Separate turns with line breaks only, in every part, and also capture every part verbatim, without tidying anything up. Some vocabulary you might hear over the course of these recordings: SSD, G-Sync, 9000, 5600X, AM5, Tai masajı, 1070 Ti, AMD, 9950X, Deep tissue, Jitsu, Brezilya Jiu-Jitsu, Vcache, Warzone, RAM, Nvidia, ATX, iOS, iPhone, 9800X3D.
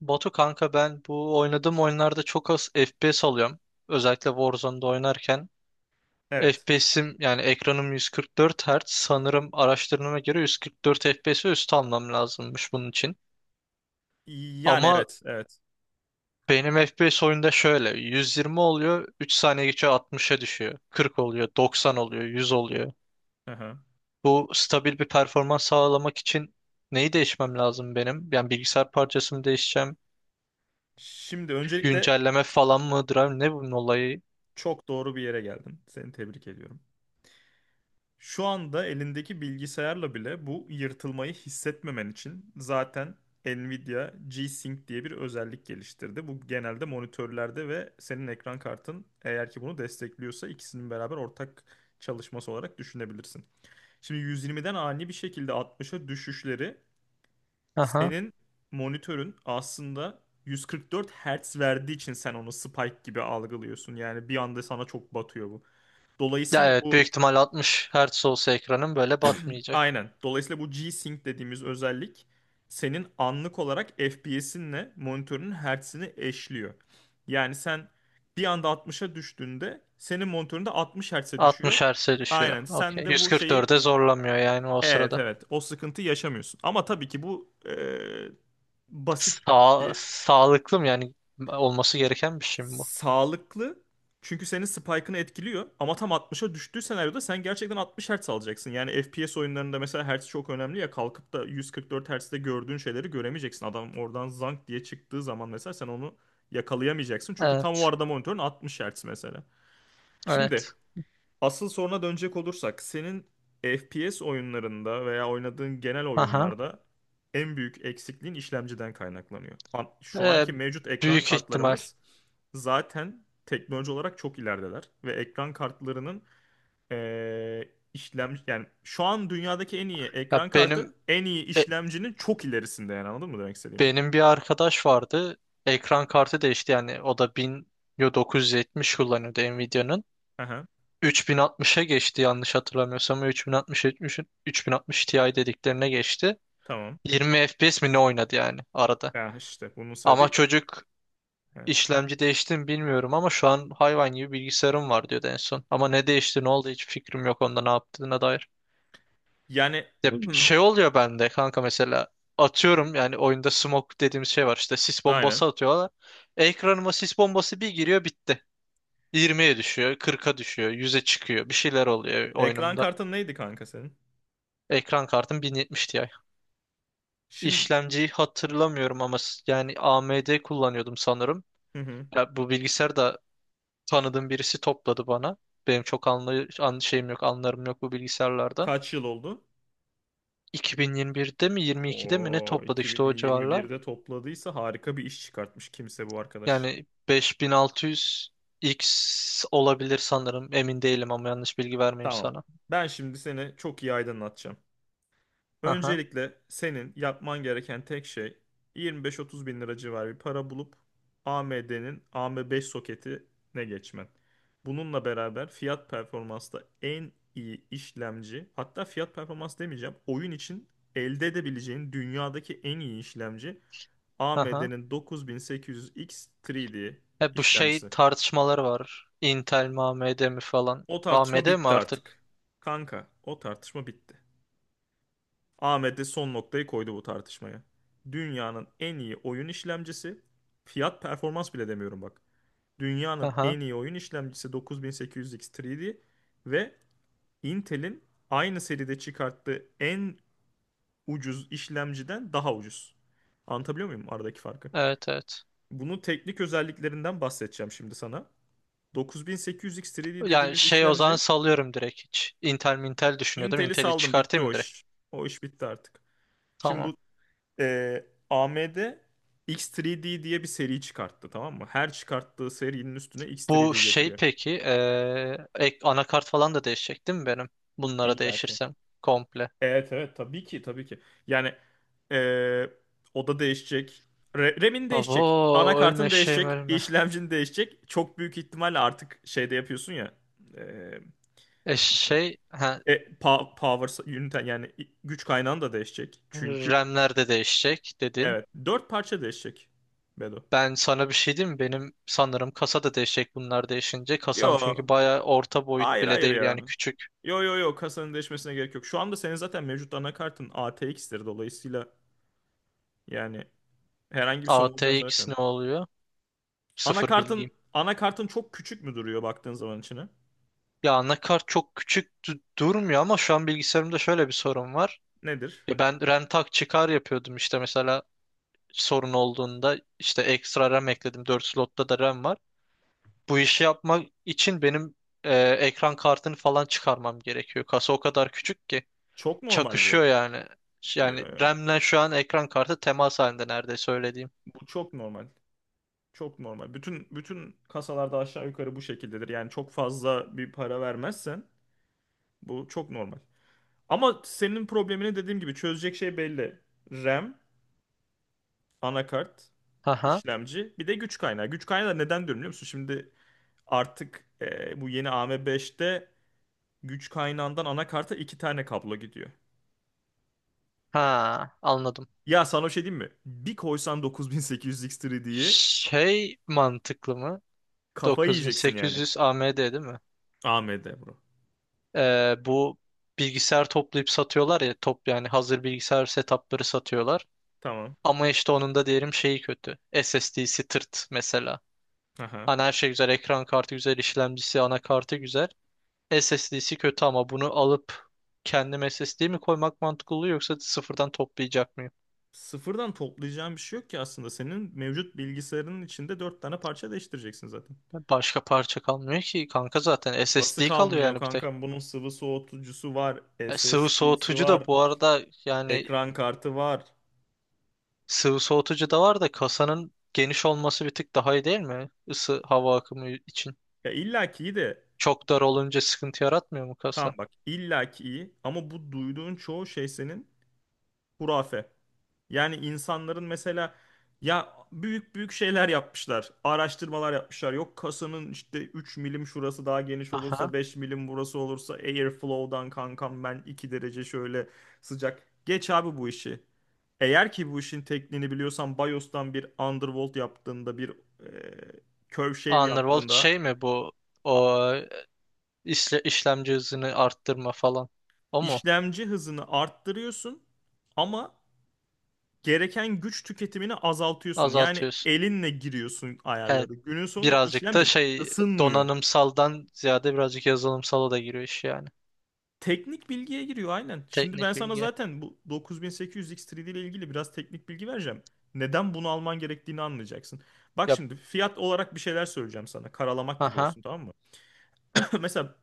Batu kanka ben bu oynadığım oyunlarda çok az F P S alıyorum. Özellikle Warzone'da oynarken.
Evet.
F P S'im yani ekranım yüz kırk dört Hz. Sanırım araştırmama göre yüz kırk dört F P S ve üstü almam lazımmış bunun için.
Yani
Ama
evet, evet.
benim F P S oyunda şöyle yüz yirmi oluyor, üç saniye geçiyor, altmışa düşüyor. kırk oluyor, doksan oluyor, yüz oluyor.
Hı.
Bu stabil bir performans sağlamak için neyi değişmem lazım benim? Yani bilgisayar parçası mı değişeceğim?
Şimdi öncelikle
Güncelleme falan mıdır, abi? Ne bunun olayı?
çok doğru bir yere geldin. Seni tebrik ediyorum. Şu anda elindeki bilgisayarla bile bu yırtılmayı hissetmemen için zaten Nvidia G-Sync diye bir özellik geliştirdi. Bu genelde monitörlerde ve senin ekran kartın eğer ki bunu destekliyorsa ikisinin beraber ortak çalışması olarak düşünebilirsin. Şimdi yüz yirmiden ani bir şekilde altmışa düşüşleri, senin monitörün aslında yüz kırk dört Hz verdiği için sen onu spike gibi algılıyorsun. Yani bir anda sana çok batıyor bu.
Ya
Dolayısıyla
evet,
bu
büyük ihtimal altmış Hz olsa ekranın böyle batmayacak.
Aynen. Dolayısıyla bu G-Sync dediğimiz özellik senin anlık olarak F P S'inle monitörünün hertzini eşliyor. Yani sen bir anda altmışa düştüğünde senin monitöründe altmış Hz'e düşüyor.
altmış Hz'e düşüyor.
Aynen. Sen
Okey.
de bu şeyi,
yüz kırk dörde zorlamıyor yani o
evet,
sırada.
evet, o sıkıntı yaşamıyorsun. Ama tabii ki bu eee, basit
Sağ,
bir
sağlıklı mı yani olması gereken bir şey mi bu?
sağlıklı. Çünkü senin spike'ını etkiliyor. Ama tam altmışa düştüğü senaryoda sen gerçekten altmış Hz alacaksın. Yani F P S oyunlarında mesela hertz çok önemli ya. Kalkıp da yüz kırk dört Hz'de gördüğün şeyleri göremeyeceksin. Adam oradan zank diye çıktığı zaman mesela sen onu yakalayamayacaksın. Çünkü tam o
Evet.
arada monitörün altmış Hz mesela. Şimdi
Evet.
asıl soruna dönecek olursak senin F P S oyunlarında veya oynadığın genel
Aha.
oyunlarda en büyük eksikliğin işlemciden kaynaklanıyor. An- Şu
Ee,
anki mevcut ekran
büyük ihtimal.
kartlarımız zaten teknoloji olarak çok ilerideler ve ekran kartlarının eee işlem yani şu an dünyadaki en iyi
Ya
ekran
benim
kartı en iyi
e,
işlemcinin çok ilerisinde. Yani anladın mı demek istediğimi?
benim bir arkadaş vardı. Ekran kartı değişti, yani o da bin dokuz yüz yetmiş kullanıyordu Nvidia'nın.
Aha,
üç bin altmışa geçti yanlış hatırlamıyorsam. otuz altmış otuz altmış Ti dediklerine geçti.
tamam.
yirmi F P S mi ne oynadı yani arada.
Ya işte bunun
Ama
sebebi,
çocuk
evet.
işlemci değişti mi bilmiyorum, ama şu an hayvan gibi bilgisayarım var diyordu en son. Ama ne değişti, ne oldu hiç fikrim yok onda ne yaptığına dair.
Yani
Ya bir şey oluyor bende kanka, mesela atıyorum yani oyunda smoke dediğimiz şey var, işte sis
aynen.
bombası atıyorlar. Ekranıma sis bombası bir giriyor, bitti. yirmiye düşüyor, kırka düşüyor, yüze çıkıyor. Bir şeyler oluyor
Ekran
oyunumda.
kartın neydi kanka senin?
Ekran kartım bin yetmiş Ti.
Şimdi.
İşlemciyi hatırlamıyorum ama s- yani A M D kullanıyordum sanırım.
Hı hı.
Ya bu bilgisayar da tanıdığım birisi topladı bana. Benim çok anlay an şeyim yok, anlarım yok bu bilgisayarlardan.
Kaç yıl oldu?
iki bin yirmi birde mi yirmi ikide mi ne
Oo,
topladı, işte o civarlar.
iki bin yirmi birde topladıysa harika bir iş çıkartmış kimse bu arkadaş.
Yani beş bin altı yüz iks olabilir sanırım. Emin değilim, ama yanlış bilgi vermeyeyim
Tamam.
sana.
Ben şimdi seni çok iyi aydınlatacağım.
Aha,
Öncelikle senin yapman gereken tek şey yirmi beş otuz bin lira civarı bir para bulup A M D'nin A M beş soketine geçmen. Bununla beraber fiyat performansta en iyi işlemci, hatta fiyat performans demeyeceğim, oyun için elde edebileceğin dünyadaki en iyi işlemci
aha.
A M D'nin dokuz bin sekiz yüz X üç D
E bu şey
işlemcisi.
tartışmaları var. Intel mi A M D mi falan.
O tartışma
A M D mi
bitti
artık?
artık. Kanka, o tartışma bitti. A M D son noktayı koydu bu tartışmaya. Dünyanın en iyi oyun işlemcisi, fiyat performans bile demiyorum bak. Dünyanın
Aha.
en iyi oyun işlemcisi dokuz bin sekiz yüz X üç D ve Intel'in aynı seride çıkarttığı en ucuz işlemciden daha ucuz. Anlatabiliyor muyum aradaki farkı?
Evet, evet.
Bunun teknik özelliklerinden bahsedeceğim şimdi sana. dokuz bin sekiz yüz X üç D
Yani
dediğimiz
şey, o zaman
işlemci.
salıyorum direkt hiç. Intel mi Intel düşünüyordum.
Intel'i
Intel'i
saldım, bitti
çıkartayım
o
mı direkt?
iş. O iş bitti artık. Şimdi
Tamam.
bu e, A M D X üç D diye bir seri çıkarttı, tamam mı? Her çıkarttığı serinin üstüne
Bu
X üç D
şey
getiriyor.
peki, eee, ek, anakart falan da değişecek değil mi benim? Bunlara
İlla ki.
değişirsem komple.
Evet, evet, tabii ki, tabii ki. Yani e, o da değişecek. Re- RAM'in değişecek.
Abo ölme
Anakartın
şeyim
değişecek.
ölme.
İşlemcin değişecek. Çok büyük ihtimalle artık şeyde yapıyorsun ya. E,
E şey ha,
E, pa- power unit yani güç kaynağın da değişecek. Çünkü,
RAM'ler de değişecek dedin.
evet, dört parça değişecek, Bedo.
Ben sana bir şey diyeyim mi? Benim sanırım kasa da değişecek bunlar değişince. Kasam çünkü
Yo,
baya orta boyut
hayır,
bile
hayır
değil,
ya.
yani küçük.
Yo yo yo, kasanın değişmesine gerek yok. Şu anda senin zaten mevcut anakartın A T X'tir, dolayısıyla yani herhangi bir sorun olacağını
A T X
zannetmiyorum.
ne oluyor? Sıfır bilgiyim.
Anakartın anakartın çok küçük mü duruyor baktığın zaman içine?
Ya anakart çok küçük du- durmuyor, ama şu an bilgisayarımda şöyle bir sorun var.
Nedir?
Ya ben RAM tak çıkar yapıyordum işte, mesela sorun olduğunda işte ekstra RAM ekledim. Dört slotta da RAM var. Bu işi yapmak için benim e, ekran kartını falan çıkarmam gerekiyor. Kasa o kadar küçük ki
Çok normal bu.
çakışıyor yani.
Yo,
Yani
yo.
RAM'le şu an ekran kartı temas halinde neredeyse, öyle diyeyim.
Bu çok normal. Çok normal. Bütün bütün kasalarda aşağı yukarı bu şekildedir. Yani çok fazla bir para vermezsen bu çok normal. Ama senin problemini dediğim gibi çözecek şey belli. RAM, anakart,
Aha.
işlemci, bir de güç kaynağı. Güç kaynağı da neden diyorum biliyor musun? Şimdi artık, e, bu yeni A M beşte güç kaynağından anakarta iki tane kablo gidiyor.
Ha, anladım.
Ya sana bir şey diyeyim mi? Bir koysan dokuz bin sekiz yüz X üç D'yi,
Şey mantıklı mı?
kafayı yiyeceksin yani.
doksan sekiz yüz A M D değil mi?
A M D bro.
Ee, bu bilgisayar toplayıp satıyorlar ya, top yani hazır bilgisayar setupları satıyorlar.
Tamam.
Ama işte onun da diyelim şeyi kötü. S S D'si tırt mesela.
Aha.
Hani her şey güzel, ekran kartı güzel, işlemcisi, anakartı güzel. S S D'si kötü, ama bunu alıp kendim S S D mi koymak mantıklı oluyor, yoksa sıfırdan toplayacak mıyım?
Sıfırdan toplayacağın bir şey yok ki aslında. Senin mevcut bilgisayarının içinde dört tane parça değiştireceksin zaten.
Başka parça kalmıyor ki kanka, zaten
Nasıl
S S D kalıyor
kalmıyor
yani bir tek.
kankam? Bunun sıvı soğutucusu var,
E, sıvı
S S D'si
soğutucu
var,
da bu arada, yani
ekran kartı var.
sıvı soğutucu da var da kasanın geniş olması bir tık daha iyi değil mi? Isı hava akımı için.
Ya illa ki iyi de.
Çok dar olunca sıkıntı yaratmıyor mu
Tamam
kasa?
bak, illa ki iyi, ama bu duyduğun çoğu şey senin hurafe. Yani insanların mesela ya büyük büyük şeyler yapmışlar. Araştırmalar yapmışlar. Yok kasanın işte üç milim şurası daha geniş
Aha.
olursa, beş milim burası olursa airflow'dan kankam ben iki derece şöyle sıcak. Geç abi bu işi. Eğer ki bu işin tekniğini biliyorsan BIOS'tan bir undervolt yaptığında, bir e, curve shave
Underworld
yaptığında
şey mi bu? O işle, işlemci hızını arttırma falan. O mu?
işlemci hızını arttırıyorsun ama gereken güç tüketimini azaltıyorsun. Yani
Azaltıyorsun.
elinle giriyorsun
He,
ayarları. Günün sonunda
birazcık da
işlemcin
şey,
ısınmıyor.
donanımsaldan ziyade birazcık yazılımsala da giriyor iş yani.
Teknik bilgiye giriyor, aynen. Şimdi ben
Teknik
sana
bilgi.
zaten bu dokuz bin sekiz yüz X üç D ile ilgili biraz teknik bilgi vereceğim. Neden bunu alman gerektiğini anlayacaksın. Bak
Yap.
şimdi fiyat olarak bir şeyler söyleyeceğim sana. Karalamak gibi
Aha.
olsun, tamam mı? Mesela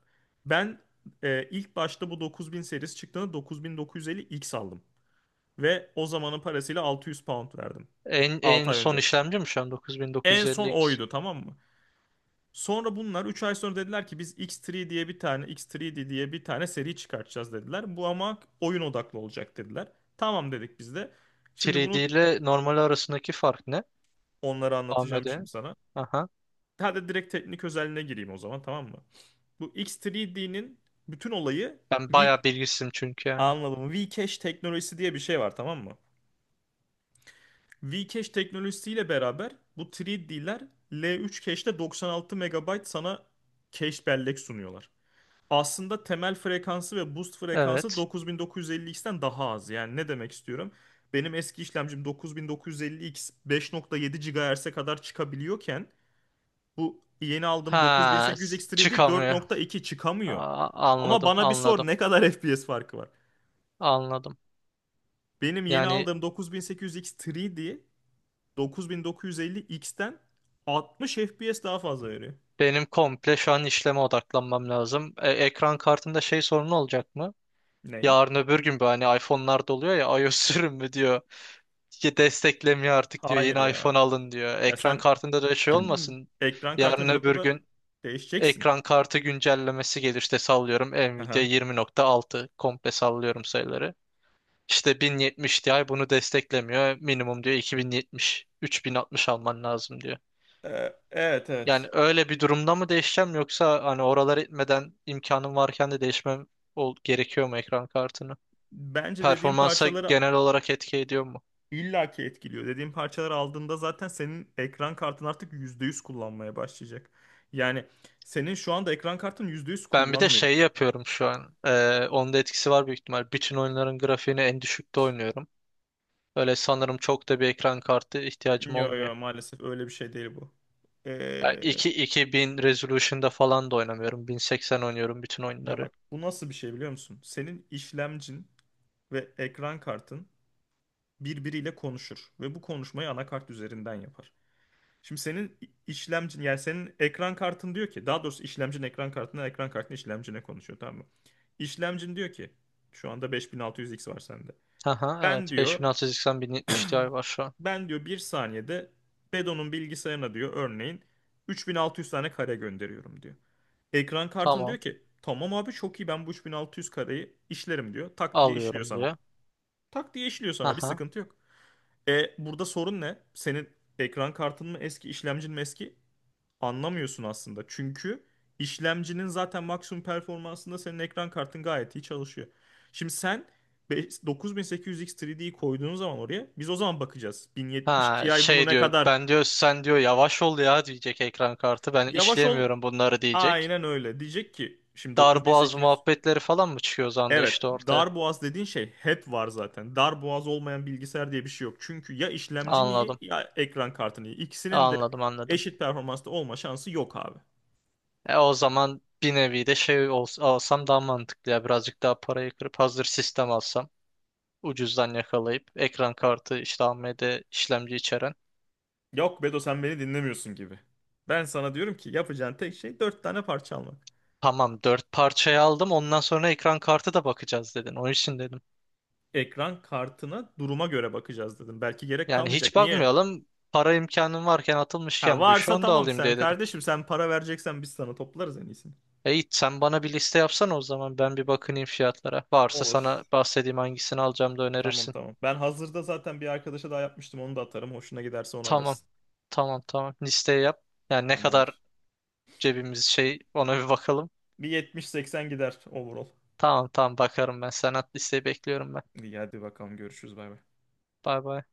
ben e, ilk başta bu dokuz bin serisi çıktığında dokuz bin dokuz yüz elli X aldım. Ve o zamanın parasıyla altı yüz pound verdim.
En,
altı
en
ay
son
önce.
işlemci mi şu an
En son
doksan dokuz elli iks?
oydu, tamam mı? Sonra bunlar üç ay sonra dediler ki biz X üç diye bir tane X üç D diye bir tane seri çıkartacağız dediler. Bu ama oyun odaklı olacak dediler. Tamam dedik biz de. Şimdi bunu
üç D ile normal arasındaki fark ne?
onlara anlatacağım
A M D.
şimdi sana.
Aha.
Hadi direkt teknik özelliğine gireyim o zaman, tamam mı? Bu X üç D'nin bütün olayı.
Ben
V
bayağı bilgisizim çünkü yani.
Anladım. Vcache teknolojisi diye bir şey var, tamam mı? Vcache teknolojisiyle beraber bu üç D'ler L üç cache'de doksan altı megabayt sana cache bellek sunuyorlar. Aslında temel frekansı ve boost frekansı
Evet.
dokuz bin dokuz yüz elli X'ten daha az. Yani ne demek istiyorum? Benim eski işlemcim dokuz bin dokuz yüz elli X beş nokta yedi GHz'e kadar çıkabiliyorken bu yeni aldığım
Ha, s-
dokuz bin sekiz yüz X üç D
çıkamıyor.
dört nokta iki çıkamıyor.
Aa,
Ama
anladım,
bana bir
anladım,
sor, ne kadar F P S farkı var?
anladım.
Benim yeni
Yani
aldığım dokuz bin sekiz yüz X üç D dokuz bin dokuz yüz elli X'ten altmış F P S daha fazla veriyor.
benim komple şu an işleme odaklanmam lazım. E, ekran kartında şey sorunu olacak mı?
Ney?
Yarın öbür gün bu, hani iPhone'larda oluyor ya iOS sürümü diyor. Ki desteklemiyor artık diyor.
Hayır
Yeni
ya.
iPhone alın diyor.
Ya
Ekran
sen
kartında da şey olmasın.
ekran
Yarın
kartını bir
öbür
noktada
gün
değişeceksin.
ekran kartı güncellemesi gelir. İşte sallıyorum, Nvidia
Aha.
yirmi nokta altı, komple sallıyorum sayıları. İşte bin yetmiş Ti bunu desteklemiyor. Minimum diyor iki bin yetmiş, üç bin altmış alman lazım diyor.
Ee, evet,
Yani
evet.
öyle bir durumda mı değişeceğim, yoksa hani oralar etmeden imkanım varken de değişmem ol gerekiyor mu ekran kartını?
Bence dediğim
Performansa
parçaları
genel olarak etki ediyor mu?
illaki etkiliyor. Dediğim parçaları aldığında zaten senin ekran kartın artık yüzde yüz kullanmaya başlayacak. Yani senin şu anda ekran kartın yüzde yüz
Ben bir de
kullanmıyor.
şey yapıyorum şu an. Ee, onun da etkisi var büyük ihtimal. Bütün oyunların grafiğini en düşükte oynuyorum. Öyle sanırım çok da bir ekran kartı ihtiyacım
Yo
olmuyor.
yo, maalesef öyle bir şey değil bu.
Yani
Ee,
iki iki bin resolution'da falan da oynamıyorum. bin seksen oynuyorum bütün
Ya
oyunları.
bak, bu nasıl bir şey biliyor musun? Senin işlemcin ve ekran kartın birbiriyle konuşur ve bu konuşmayı anakart üzerinden yapar. Şimdi senin işlemcin, yani senin ekran kartın diyor ki, daha doğrusu işlemcin ekran kartından, ekran kartın işlemcine konuşuyor, tamam mı? İşlemcin diyor ki şu anda beş bin altı yüz X var sende.
Aha,
Ben
evet,
diyor
beş bin altı yüz seksen bin yetmiş Ti var şu an.
ben diyor bir saniyede Bedon'un bilgisayarına diyor örneğin üç bin altı yüz tane kare gönderiyorum diyor. Ekran kartın
Tamam,
diyor ki tamam abi çok iyi, ben bu üç bin altı yüz kareyi işlerim diyor. Tak diye işliyor
alıyorum
sana.
diyor.
Tak diye işliyor sana, bir sıkıntı yok. E, burada sorun ne? Senin ekran kartın mı eski işlemcin mi eski? Anlamıyorsun aslında. Çünkü işlemcinin zaten maksimum performansında senin ekran kartın gayet iyi çalışıyor. Şimdi sen be- dokuz bin sekiz yüz X üç D'yi koyduğun zaman oraya, biz o zaman bakacağız. bin yetmiş
Ha
Ti bunu
şey
ne
diyor,
kadar,
ben diyor sen diyor yavaş ol ya, diyecek ekran kartı, ben
yavaş ol,
işleyemiyorum bunları diyecek.
aynen öyle diyecek ki şimdi
Darboğaz
dokuz bin sekiz yüz.
muhabbetleri falan mı çıkıyor o zaman da
Evet,
işte ortaya.
dar boğaz dediğin şey hep var zaten. Dar boğaz olmayan bilgisayar diye bir şey yok. Çünkü ya işlemcin iyi
Anladım,
ya ekran kartın iyi. İkisinin de
anladım, anladım.
eşit performansta olma şansı yok abi.
E o zaman bir nevi de şey ols- alsam daha mantıklı, ya birazcık daha parayı kırıp hazır sistem alsam ucuzdan yakalayıp ekran kartı işte A M D işlemci içeren.
Yok Bedo, sen beni dinlemiyorsun gibi. Ben sana diyorum ki yapacağın tek şey dört tane parça almak.
Tamam, dört parçayı aldım, ondan sonra ekran kartı da bakacağız dedin onun için dedim.
Ekran kartına duruma göre bakacağız dedim. Belki gerek
Yani hiç
kalmayacak. Niye?
bakmayalım, para imkanım varken
Ha
atılmışken bu işe
varsa
onu da
tamam,
alayım
sen
diye dedim.
kardeşim sen para vereceksen biz sana toplarız en iyisini.
E, Yiğit, sen bana bir liste yapsana o zaman. Ben bir bakınayım fiyatlara. Varsa sana
Olur.
bahsedeyim hangisini alacağım da
Tamam,
önerirsin.
tamam. Ben hazırda zaten bir arkadaşa daha yapmıştım, onu da atarım. Hoşuna giderse onu
Tamam.
alırsın.
Tamam, tamam. Listeyi yap. Yani ne kadar
Tamamdır.
cebimiz şey, ona bir bakalım.
Bir yetmiş seksen gider overall.
Tamam, tamam, bakarım ben. Sen at listeyi, bekliyorum ben.
İyi hadi bakalım, görüşürüz, bay bay.
Bay bay.